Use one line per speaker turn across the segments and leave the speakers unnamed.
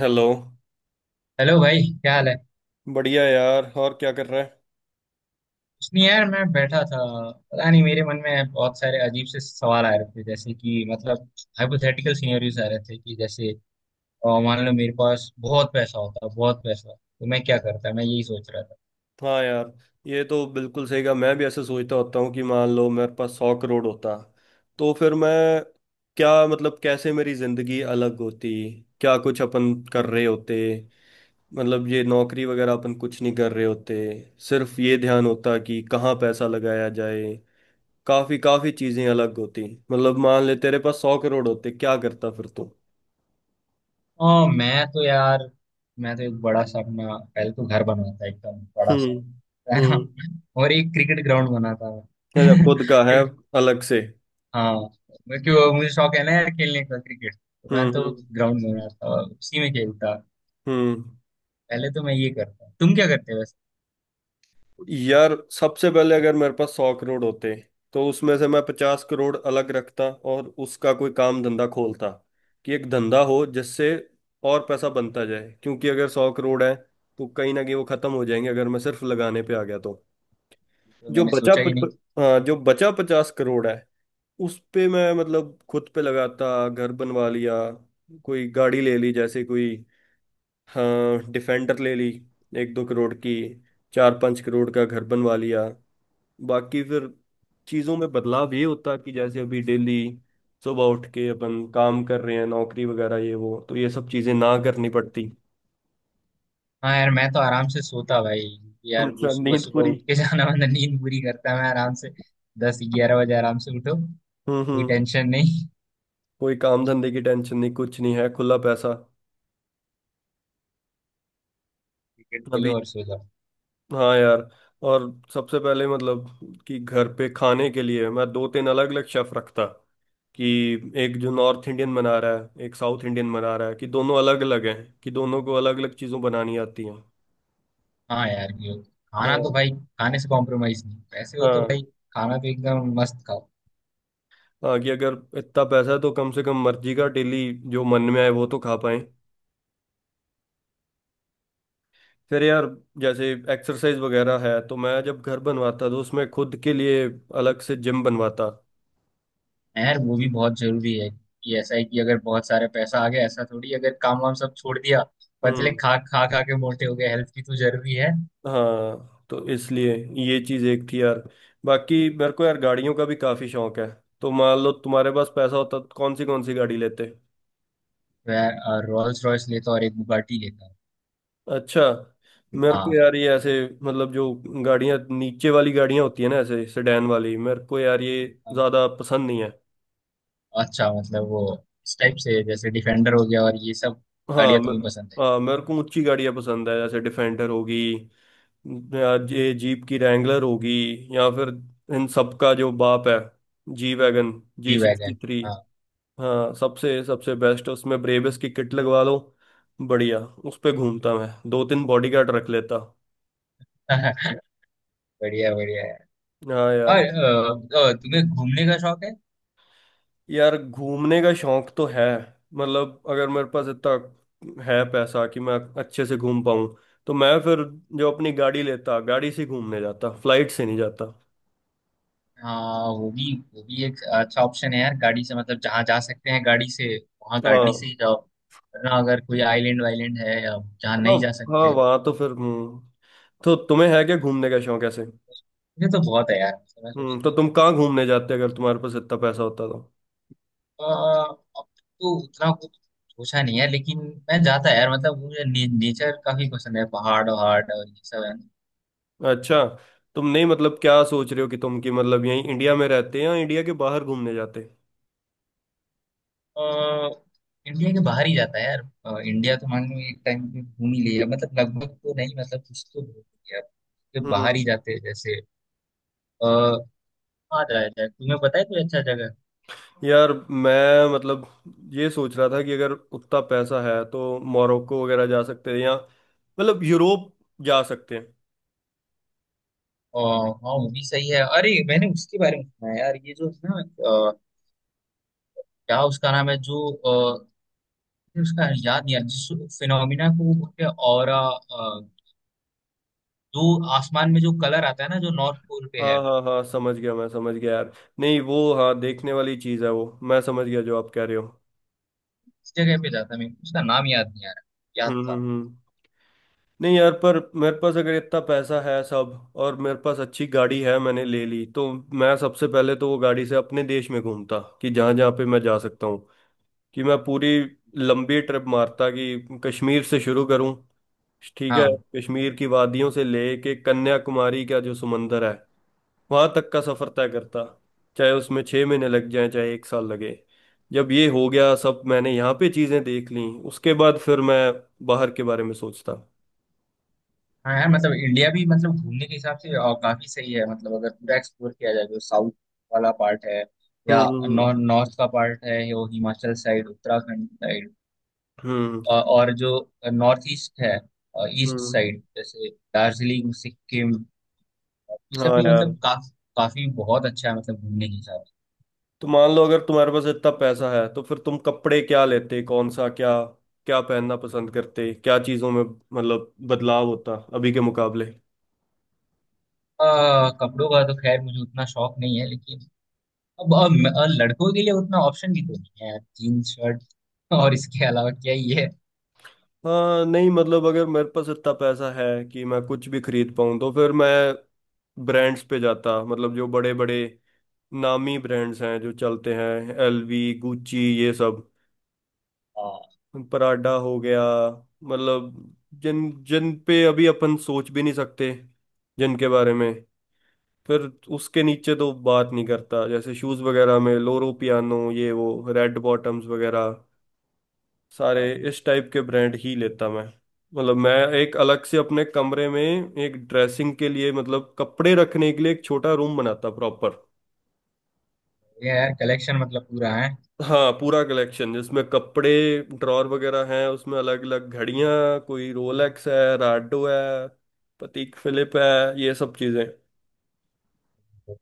Hello.
Hello भाई क्या हाल है।
बढ़िया यार। और क्या कर रहा है?
कुछ नहीं यार मैं बैठा था। पता नहीं मेरे मन में बहुत सारे अजीब से सवाल आ रहे थे जैसे कि मतलब हाइपोथेटिकल सिनेरियोज आ रहे थे कि जैसे मान लो मेरे पास बहुत पैसा होता बहुत पैसा तो मैं क्या करता मैं यही सोच रहा था।
हाँ यार, ये तो बिल्कुल सही कहा। मैं भी ऐसे सोचता होता हूँ कि मान लो मेरे पास 100 करोड़ होता तो फिर मैं क्या, मतलब कैसे मेरी जिंदगी अलग होती, क्या कुछ अपन कर रहे होते। मतलब ये नौकरी वगैरह अपन कुछ नहीं कर रहे होते। सिर्फ ये ध्यान होता कि कहाँ पैसा लगाया जाए। काफी काफी चीजें अलग होती। मतलब मान ले तेरे पास 100 करोड़ होते क्या करता फिर तू?
मैं तो यार मैं तो एक बड़ा सा अपना पहले तो घर बनाता एकदम बड़ा
हम्म
सा। है ना।
हम्म।
और एक क्रिकेट ग्राउंड बनाता मैं
अच्छा, खुद का है?
क्यों-
अलग से?
हाँ, क्यों मुझे शौक है ना यार खेलने का क्रिकेट। तो मैं
हम्म
तो
हम्म
ग्राउंड बनाता उसी में खेलता।
हम्म।
पहले तो मैं ये करता हूँ तुम क्या करते हो वैसे।
यार सबसे पहले अगर मेरे पास 100 करोड़ होते तो उसमें से मैं 50 करोड़ अलग रखता और उसका कोई काम धंधा खोलता कि एक धंधा हो जिससे और पैसा बनता जाए। क्योंकि अगर 100 करोड़ है तो कहीं ना कहीं वो खत्म हो जाएंगे अगर मैं सिर्फ लगाने पे आ गया तो।
तो
जो
मैंने
बचा
सोचा
प,
ही नहीं।
प- हाँ, जो बचा 50 करोड़ है उस पे मैं मतलब खुद पे लगाता, घर बनवा लिया, कोई गाड़ी ले ली, जैसे कोई, हाँ डिफेंडर ले ली, 1-2 करोड़ की, 4-5 करोड़ का घर बनवा लिया। बाकी फिर चीजों में बदलाव ये होता कि जैसे अभी डेली सुबह उठ के अपन काम कर रहे हैं, नौकरी वगैरह ये वो, तो ये सब चीजें ना करनी पड़ती।
हाँ यार मैं तो आराम से सोता भाई। यार वो
अच्छा,
सुबह
नींद
सुबह
पूरी।
उठ के जाना वाना नींद पूरी करता मैं आराम से। 10-11 बजे आराम से उठो। कोई
हम्म।
टेंशन नहीं।
कोई काम धंधे की टेंशन नहीं, कुछ नहीं है, खुला पैसा।
क्रिकेट
अभी।
खेलो और सो जाओ।
हाँ यार। और सबसे पहले मतलब कि घर पे खाने के लिए मैं दो तीन अलग अलग शेफ रखता कि एक जो नॉर्थ इंडियन बना रहा है, एक साउथ इंडियन बना रहा है, कि दोनों अलग अलग हैं, कि दोनों को अलग अलग चीज़ों बनानी आती हैं।
हाँ यार ये खाना तो
हाँ
भाई खाने से कॉम्प्रोमाइज नहीं पैसे हो तो भाई।
हाँ
खाना तो एकदम मस्त खाओ।
हाँ। कि अगर इतना पैसा है तो कम से कम मर्जी का डेली, जो मन में आए वो तो खा पाएं। फिर यार जैसे एक्सरसाइज वगैरह है तो मैं जब घर बनवाता तो उसमें खुद के लिए अलग से जिम बनवाता।
हाँ यार वो भी बहुत जरूरी है। कि ऐसा है कि अगर बहुत सारे पैसा आ गया ऐसा थोड़ी अगर काम वाम सब छोड़ दिया पतले
हम्म।
खा खा खा के मोटे हो गए हेल्थ भी तो जरूरी है।
हाँ तो इसलिए ये चीज़ एक थी यार। बाकी मेरे को यार गाड़ियों का भी काफ़ी शौक है। तो मान लो तुम्हारे पास पैसा होता तो कौन सी गाड़ी लेते?
मैं रोल्स रॉयस लेता और एक बुगाटी लेता।
अच्छा। मेरे को
हाँ।
यार ये ऐसे, मतलब जो गाड़ियां नीचे वाली गाड़ियां होती है ना, ऐसे सेडान वाली, मेरे को यार ये
हाँ,
ज्यादा पसंद नहीं है।
अच्छा मतलब वो इस टाइप से जैसे डिफेंडर हो गया और ये सब
हाँ
गाड़ियाँ
मैं,
तुम्हें पसंद है।
हाँ मेरे को ऊंची गाड़ियां पसंद है। जैसे डिफेंडर होगी या ये जीप की रैंगलर होगी, या फिर इन सब का जो बाप है, G wagon, G
T
sixty
wagon.
Three
हाँ
हाँ सबसे सबसे बेस्ट। उसमें ब्रेबस की किट लगवा लो, बढ़िया। उस पे घूमता, मैं दो तीन बॉडीगार्ड रख लेता।
बढ़िया बढ़िया है।
हाँ
और
यार।
तुम्हें घूमने का शौक है।
यार घूमने का शौक तो है, मतलब अगर मेरे पास इतना है पैसा कि मैं अच्छे से घूम पाऊं तो मैं फिर जो अपनी गाड़ी लेता, गाड़ी से घूमने जाता, फ्लाइट से नहीं जाता।
हाँ वो भी एक अच्छा ऑप्शन है यार गाड़ी से मतलब जहाँ जा सकते हैं गाड़ी से वहाँ गाड़ी से
हाँ
ही जाओ। वरना अगर कोई आइलैंड वाइलैंड है या जहाँ
हाँ
नहीं जा
हाँ।
सकते।
वहां तो फिर हम्म। तो तुम्हें है क्या घूमने का शौक ऐसे?
मुझे तो बहुत है यार। मैं
हम्म। तो
सोचता हूँ।
तुम कहाँ घूमने जाते अगर तुम्हारे पास इतना पैसा होता तो?
अब तो उतना कुछ सोचा नहीं है लेकिन मैं जाता है यार मतलब मुझे नेचर काफी पसंद है पहाड़ वहाड़ और ये सब है ना।
अच्छा। तुम नहीं मतलब क्या सोच रहे हो कि तुम, कि मतलब यहीं इंडिया में रहते हैं या इंडिया के बाहर घूमने जाते?
अ, इंडिया के बाहर ही जाता है यार इंडिया तो मान लो एक टाइम पे घूम ही लिया मतलब लगभग तो नहीं मतलब कुछ तो घूम लिया तो बाहर ही
हम्म।
जाते हैं जैसे। आ, आ जाए जाए तुम्हें पता है कोई अच्छा जगह।
यार मैं मतलब ये सोच रहा था कि अगर उतना पैसा है तो मोरक्को वगैरह जा सकते हैं या मतलब यूरोप जा सकते हैं।
हाँ वो भी सही है अरे मैंने उसके बारे में सुना है यार ये जो है ना अ, क्या उसका नाम है जो उसका याद नहीं आ रहा, जिस फिनोमिना को वो बोलते हैं ऑरा जो आसमान में जो कलर आता है ना जो नॉर्थ पोल पे है।
हाँ हाँ हाँ, समझ गया, मैं समझ गया यार। नहीं, वो हाँ देखने वाली चीज़ है वो, मैं समझ गया जो आप कह रहे हो।
इस जगह पे जाता है मेरे को उसका नाम याद नहीं आ रहा। याद
हम्म
था।
हम्म हम्म। नहीं यार, पर मेरे पास अगर इतना पैसा है सब और मेरे पास अच्छी गाड़ी है मैंने ले ली तो मैं सबसे पहले तो वो गाड़ी से अपने देश में घूमता कि जहाँ जहाँ पे मैं जा सकता, कि मैं पूरी लंबी ट्रिप मारता, कि कश्मीर से शुरू करूं, ठीक है,
हाँ।
कश्मीर की वादियों से लेके कन्याकुमारी का जो समंदर है वहां तक का सफर तय करता। चाहे उसमें 6 महीने लग जाए चाहे एक साल लगे। जब ये हो गया सब, मैंने यहाँ पे चीजें देख ली, उसके बाद फिर मैं बाहर के बारे में सोचता।
हाँ यार मतलब इंडिया भी मतलब घूमने के हिसाब से काफी सही है मतलब अगर पूरा एक्सप्लोर किया जाए जो साउथ वाला पार्ट है या
हम्म हम्म
नॉर्थ का पार्ट है यो हिमाचल साइड उत्तराखंड साइड।
हम्म
और जो नॉर्थ ईस्ट है ईस्ट
हम्म।
साइड जैसे दार्जिलिंग सिक्किम। ये सब
हाँ
भी
यार।
मतलब काफी काफी बहुत अच्छा है मतलब घूमने के हिसाब से।
तो मान लो अगर तुम्हारे पास इतना पैसा है तो फिर तुम कपड़े क्या लेते, कौन सा क्या क्या पहनना पसंद करते, क्या चीजों में मतलब बदलाव होता अभी के मुकाबले?
अ, कपड़ों का तो खैर मुझे उतना शौक नहीं है लेकिन और लड़कों के लिए उतना ऑप्शन भी तो नहीं है यार जीन्स शर्ट और इसके अलावा क्या ही है।
हाँ नहीं मतलब अगर मेरे पास इतना पैसा है कि मैं कुछ भी खरीद पाऊँ तो फिर मैं ब्रांड्स पे जाता, मतलब जो बड़े बड़े नामी ब्रांड्स हैं जो चलते हैं, एलवी, गुच्ची, ये सब,
हाँ
पराडा हो गया, मतलब जिन जिन पे अभी अपन सोच भी नहीं सकते जिनके बारे में। फिर उसके नीचे तो बात नहीं करता जैसे शूज वगैरह में लोरो पियानो, ये वो, रेड बॉटम्स वगैरह, सारे
तो
इस टाइप के ब्रांड ही लेता मैं। मतलब मैं एक अलग से अपने कमरे में एक ड्रेसिंग के लिए, मतलब कपड़े रखने के लिए एक छोटा रूम बनाता प्रॉपर।
ये यार कलेक्शन मतलब पूरा है।
हाँ पूरा कलेक्शन जिसमें कपड़े ड्रॉर वगैरह हैं, उसमें अलग अलग घड़ियां, कोई रोलेक्स है, राडो है, पतीक फिलिप है, ये सब चीजें।
तो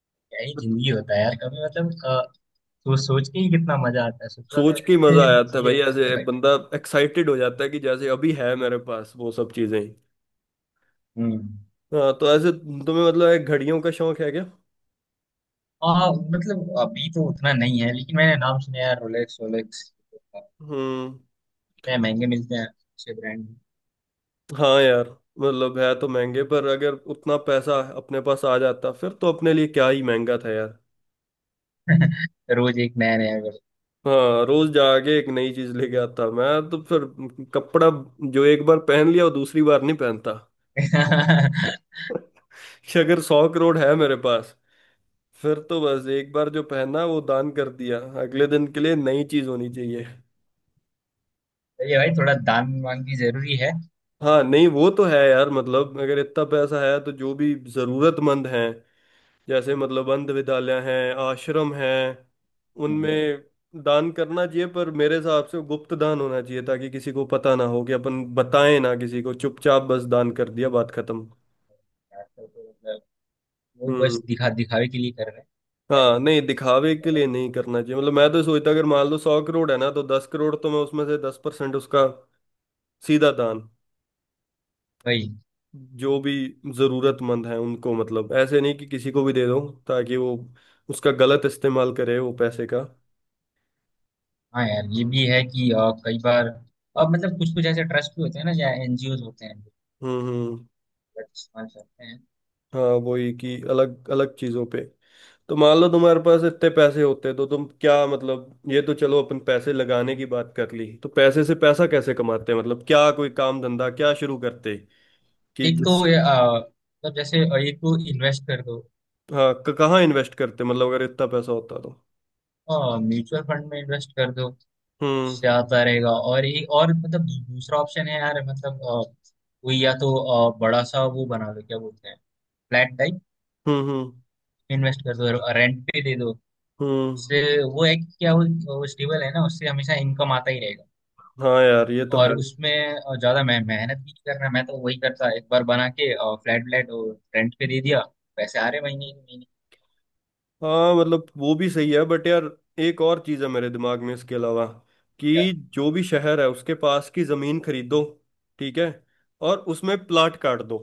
क्या ही जिंदगी होता है यार कभी मतलब सोच सोच के ही कितना मजा आता है सोचो अगर
सोच के ही मजा आ
ऐसे
जाता है
जिए।
भाई, ऐसे बंदा एक्साइटेड हो जाता है कि जैसे अभी है मेरे पास वो सब चीजें।
हम्म।
हाँ तो ऐसे तुम्हें मतलब एक घड़ियों का शौक है क्या?
हाँ मतलब अभी तो उतना नहीं है लेकिन मैंने नाम सुना है यार रोलेक्स रोलेक्स
हम्म।
इतने महंगे मिलते हैं अच्छे ब्रांड।
हाँ यार, मतलब है तो महंगे, पर अगर उतना पैसा अपने पास आ जाता फिर तो अपने लिए क्या ही महंगा था यार।
रोज एक नया नया करके।
हाँ रोज जाके एक नई चीज लेके आता मैं तो। फिर कपड़ा जो एक बार पहन लिया वो दूसरी बार नहीं पहनता। कि अगर 100 करोड़ है मेरे पास फिर तो बस एक बार जो पहना वो दान कर दिया, अगले दिन के लिए नई चीज होनी चाहिए।
तो ये भाई थोड़ा दान मांग भी जरूरी है।
हाँ नहीं वो तो है यार, मतलब अगर इतना पैसा है तो जो भी जरूरतमंद हैं जैसे मतलब अंध विद्यालय हैं, आश्रम हैं,
हम्म,
उनमें दान करना चाहिए। पर मेरे हिसाब से गुप्त दान होना चाहिए ताकि किसी को पता ना हो, कि अपन बताएं ना किसी को, चुपचाप बस दान कर दिया, बात खत्म।
वो
हम्म।
बस दिखा दिखावे के लिए कर रहे हैं यार।
हाँ नहीं दिखावे के लिए नहीं करना चाहिए। मतलब मैं तो सोचता अगर मान लो 100 करोड़ है ना तो 10 करोड़ तो मैं उसमें से, 10% उसका सीधा दान,
भाई।
जो भी जरूरतमंद है उनको, मतलब ऐसे नहीं कि किसी को भी दे दो ताकि वो उसका गलत इस्तेमाल करे वो पैसे का।
हाँ यार ये भी है कि कई बार अब मतलब कुछ कुछ ऐसे ट्रस्ट भी होते हैं ना या एनजीओज होते हैं जो
हम्म।
गलत इस्तेमाल करते हैं।
हाँ वही कि अलग अलग चीजों पे। तो मान लो तुम्हारे पास इतने पैसे होते तो तुम क्या मतलब, ये तो चलो अपन पैसे लगाने की बात कर ली, तो पैसे से पैसा कैसे कमाते हैं, मतलब क्या कोई काम धंधा क्या शुरू करते कि
एक तो
जिस?
ये, मतलब जैसे एक तो इन्वेस्ट कर दो
हाँ, क- कहाँ इन्वेस्ट करते मतलब अगर इतना पैसा होता तो?
म्यूचुअल फंड में इन्वेस्ट कर दो
हम्म
उससे आता रहेगा और एक और मतलब दूसरा ऑप्शन है यार मतलब कोई या तो बड़ा सा वो बना लो क्या बोलते हैं फ्लैट टाइप
हम्म हम्म
इन्वेस्ट कर दो रेंट पे दे दो
हम्म।
उससे वो है कि क्या वो स्टेबल है ना उससे हमेशा इनकम आता ही रहेगा।
हाँ यार ये तो है।
और उसमें ज्यादा मैं मेहनत भी नहीं करना मैं तो वही करता एक बार बना के फ्लैट व्लैट और रेंट पे दे दिया पैसे आ रहे महीने के महीने।
हाँ मतलब वो भी सही है, बट यार एक और चीज़ है मेरे दिमाग में इसके अलावा
क्या।
कि जो भी शहर है उसके पास की ज़मीन खरीदो, ठीक है, और उसमें प्लाट काट दो।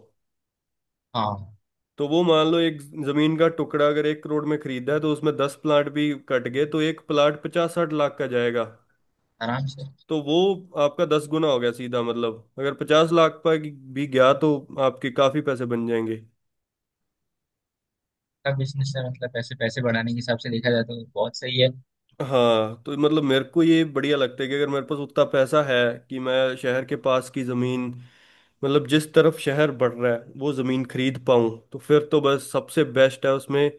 हाँ।
तो वो मान लो एक ज़मीन का टुकड़ा अगर 1 करोड़ में खरीदा है तो उसमें 10 प्लाट भी कट गए तो एक प्लाट 50-60 लाख का जाएगा।
आराम से।
तो वो आपका 10 गुना हो गया सीधा, मतलब अगर 50 लाख पर भी गया तो आपके काफ़ी पैसे बन जाएंगे।
का बिजनेस है मतलब पैसे पैसे बढ़ाने के हिसाब से देखा जाए तो बहुत सही है।
हाँ तो मतलब मेरे को ये बढ़िया लगता है कि अगर मेरे पास उतना पैसा है कि मैं शहर के पास की ज़मीन, मतलब जिस तरफ शहर बढ़ रहा है वो ज़मीन खरीद पाऊँ, तो फिर तो बस सबसे बेस्ट है उसमें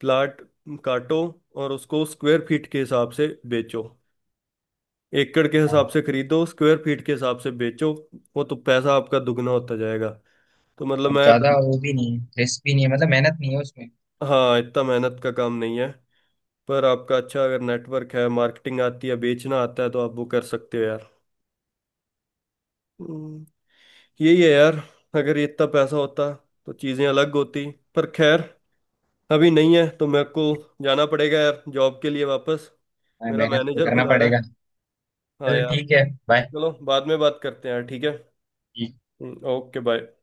प्लाट काटो और उसको स्क्वायर फीट के हिसाब से बेचो। एकड़ के
हाँ,
हिसाब से खरीदो स्क्वायर फीट के हिसाब से बेचो, वो तो पैसा आपका दुगना होता जाएगा। तो मतलब
और
मैं तो,
ज्यादा वो भी नहीं है रिस्क भी नहीं है मतलब मेहनत नहीं है उसमें।
हाँ इतना मेहनत का काम नहीं है पर आपका अच्छा अगर नेटवर्क है, मार्केटिंग आती है, बेचना आता है, तो आप वो कर सकते हो यार। यही है यार, अगर ये इतना पैसा होता तो चीजें अलग होती, पर खैर अभी नहीं है तो मेरे को जाना पड़ेगा यार जॉब के लिए वापस।
हाँ,
मेरा
मेहनत तो
मैनेजर
करना
बुला रहा
पड़ेगा।
है। हाँ
चल
यार।
ठीक है। बाय।
चलो बाद में बात करते हैं यार, ठीक है। Okay bye.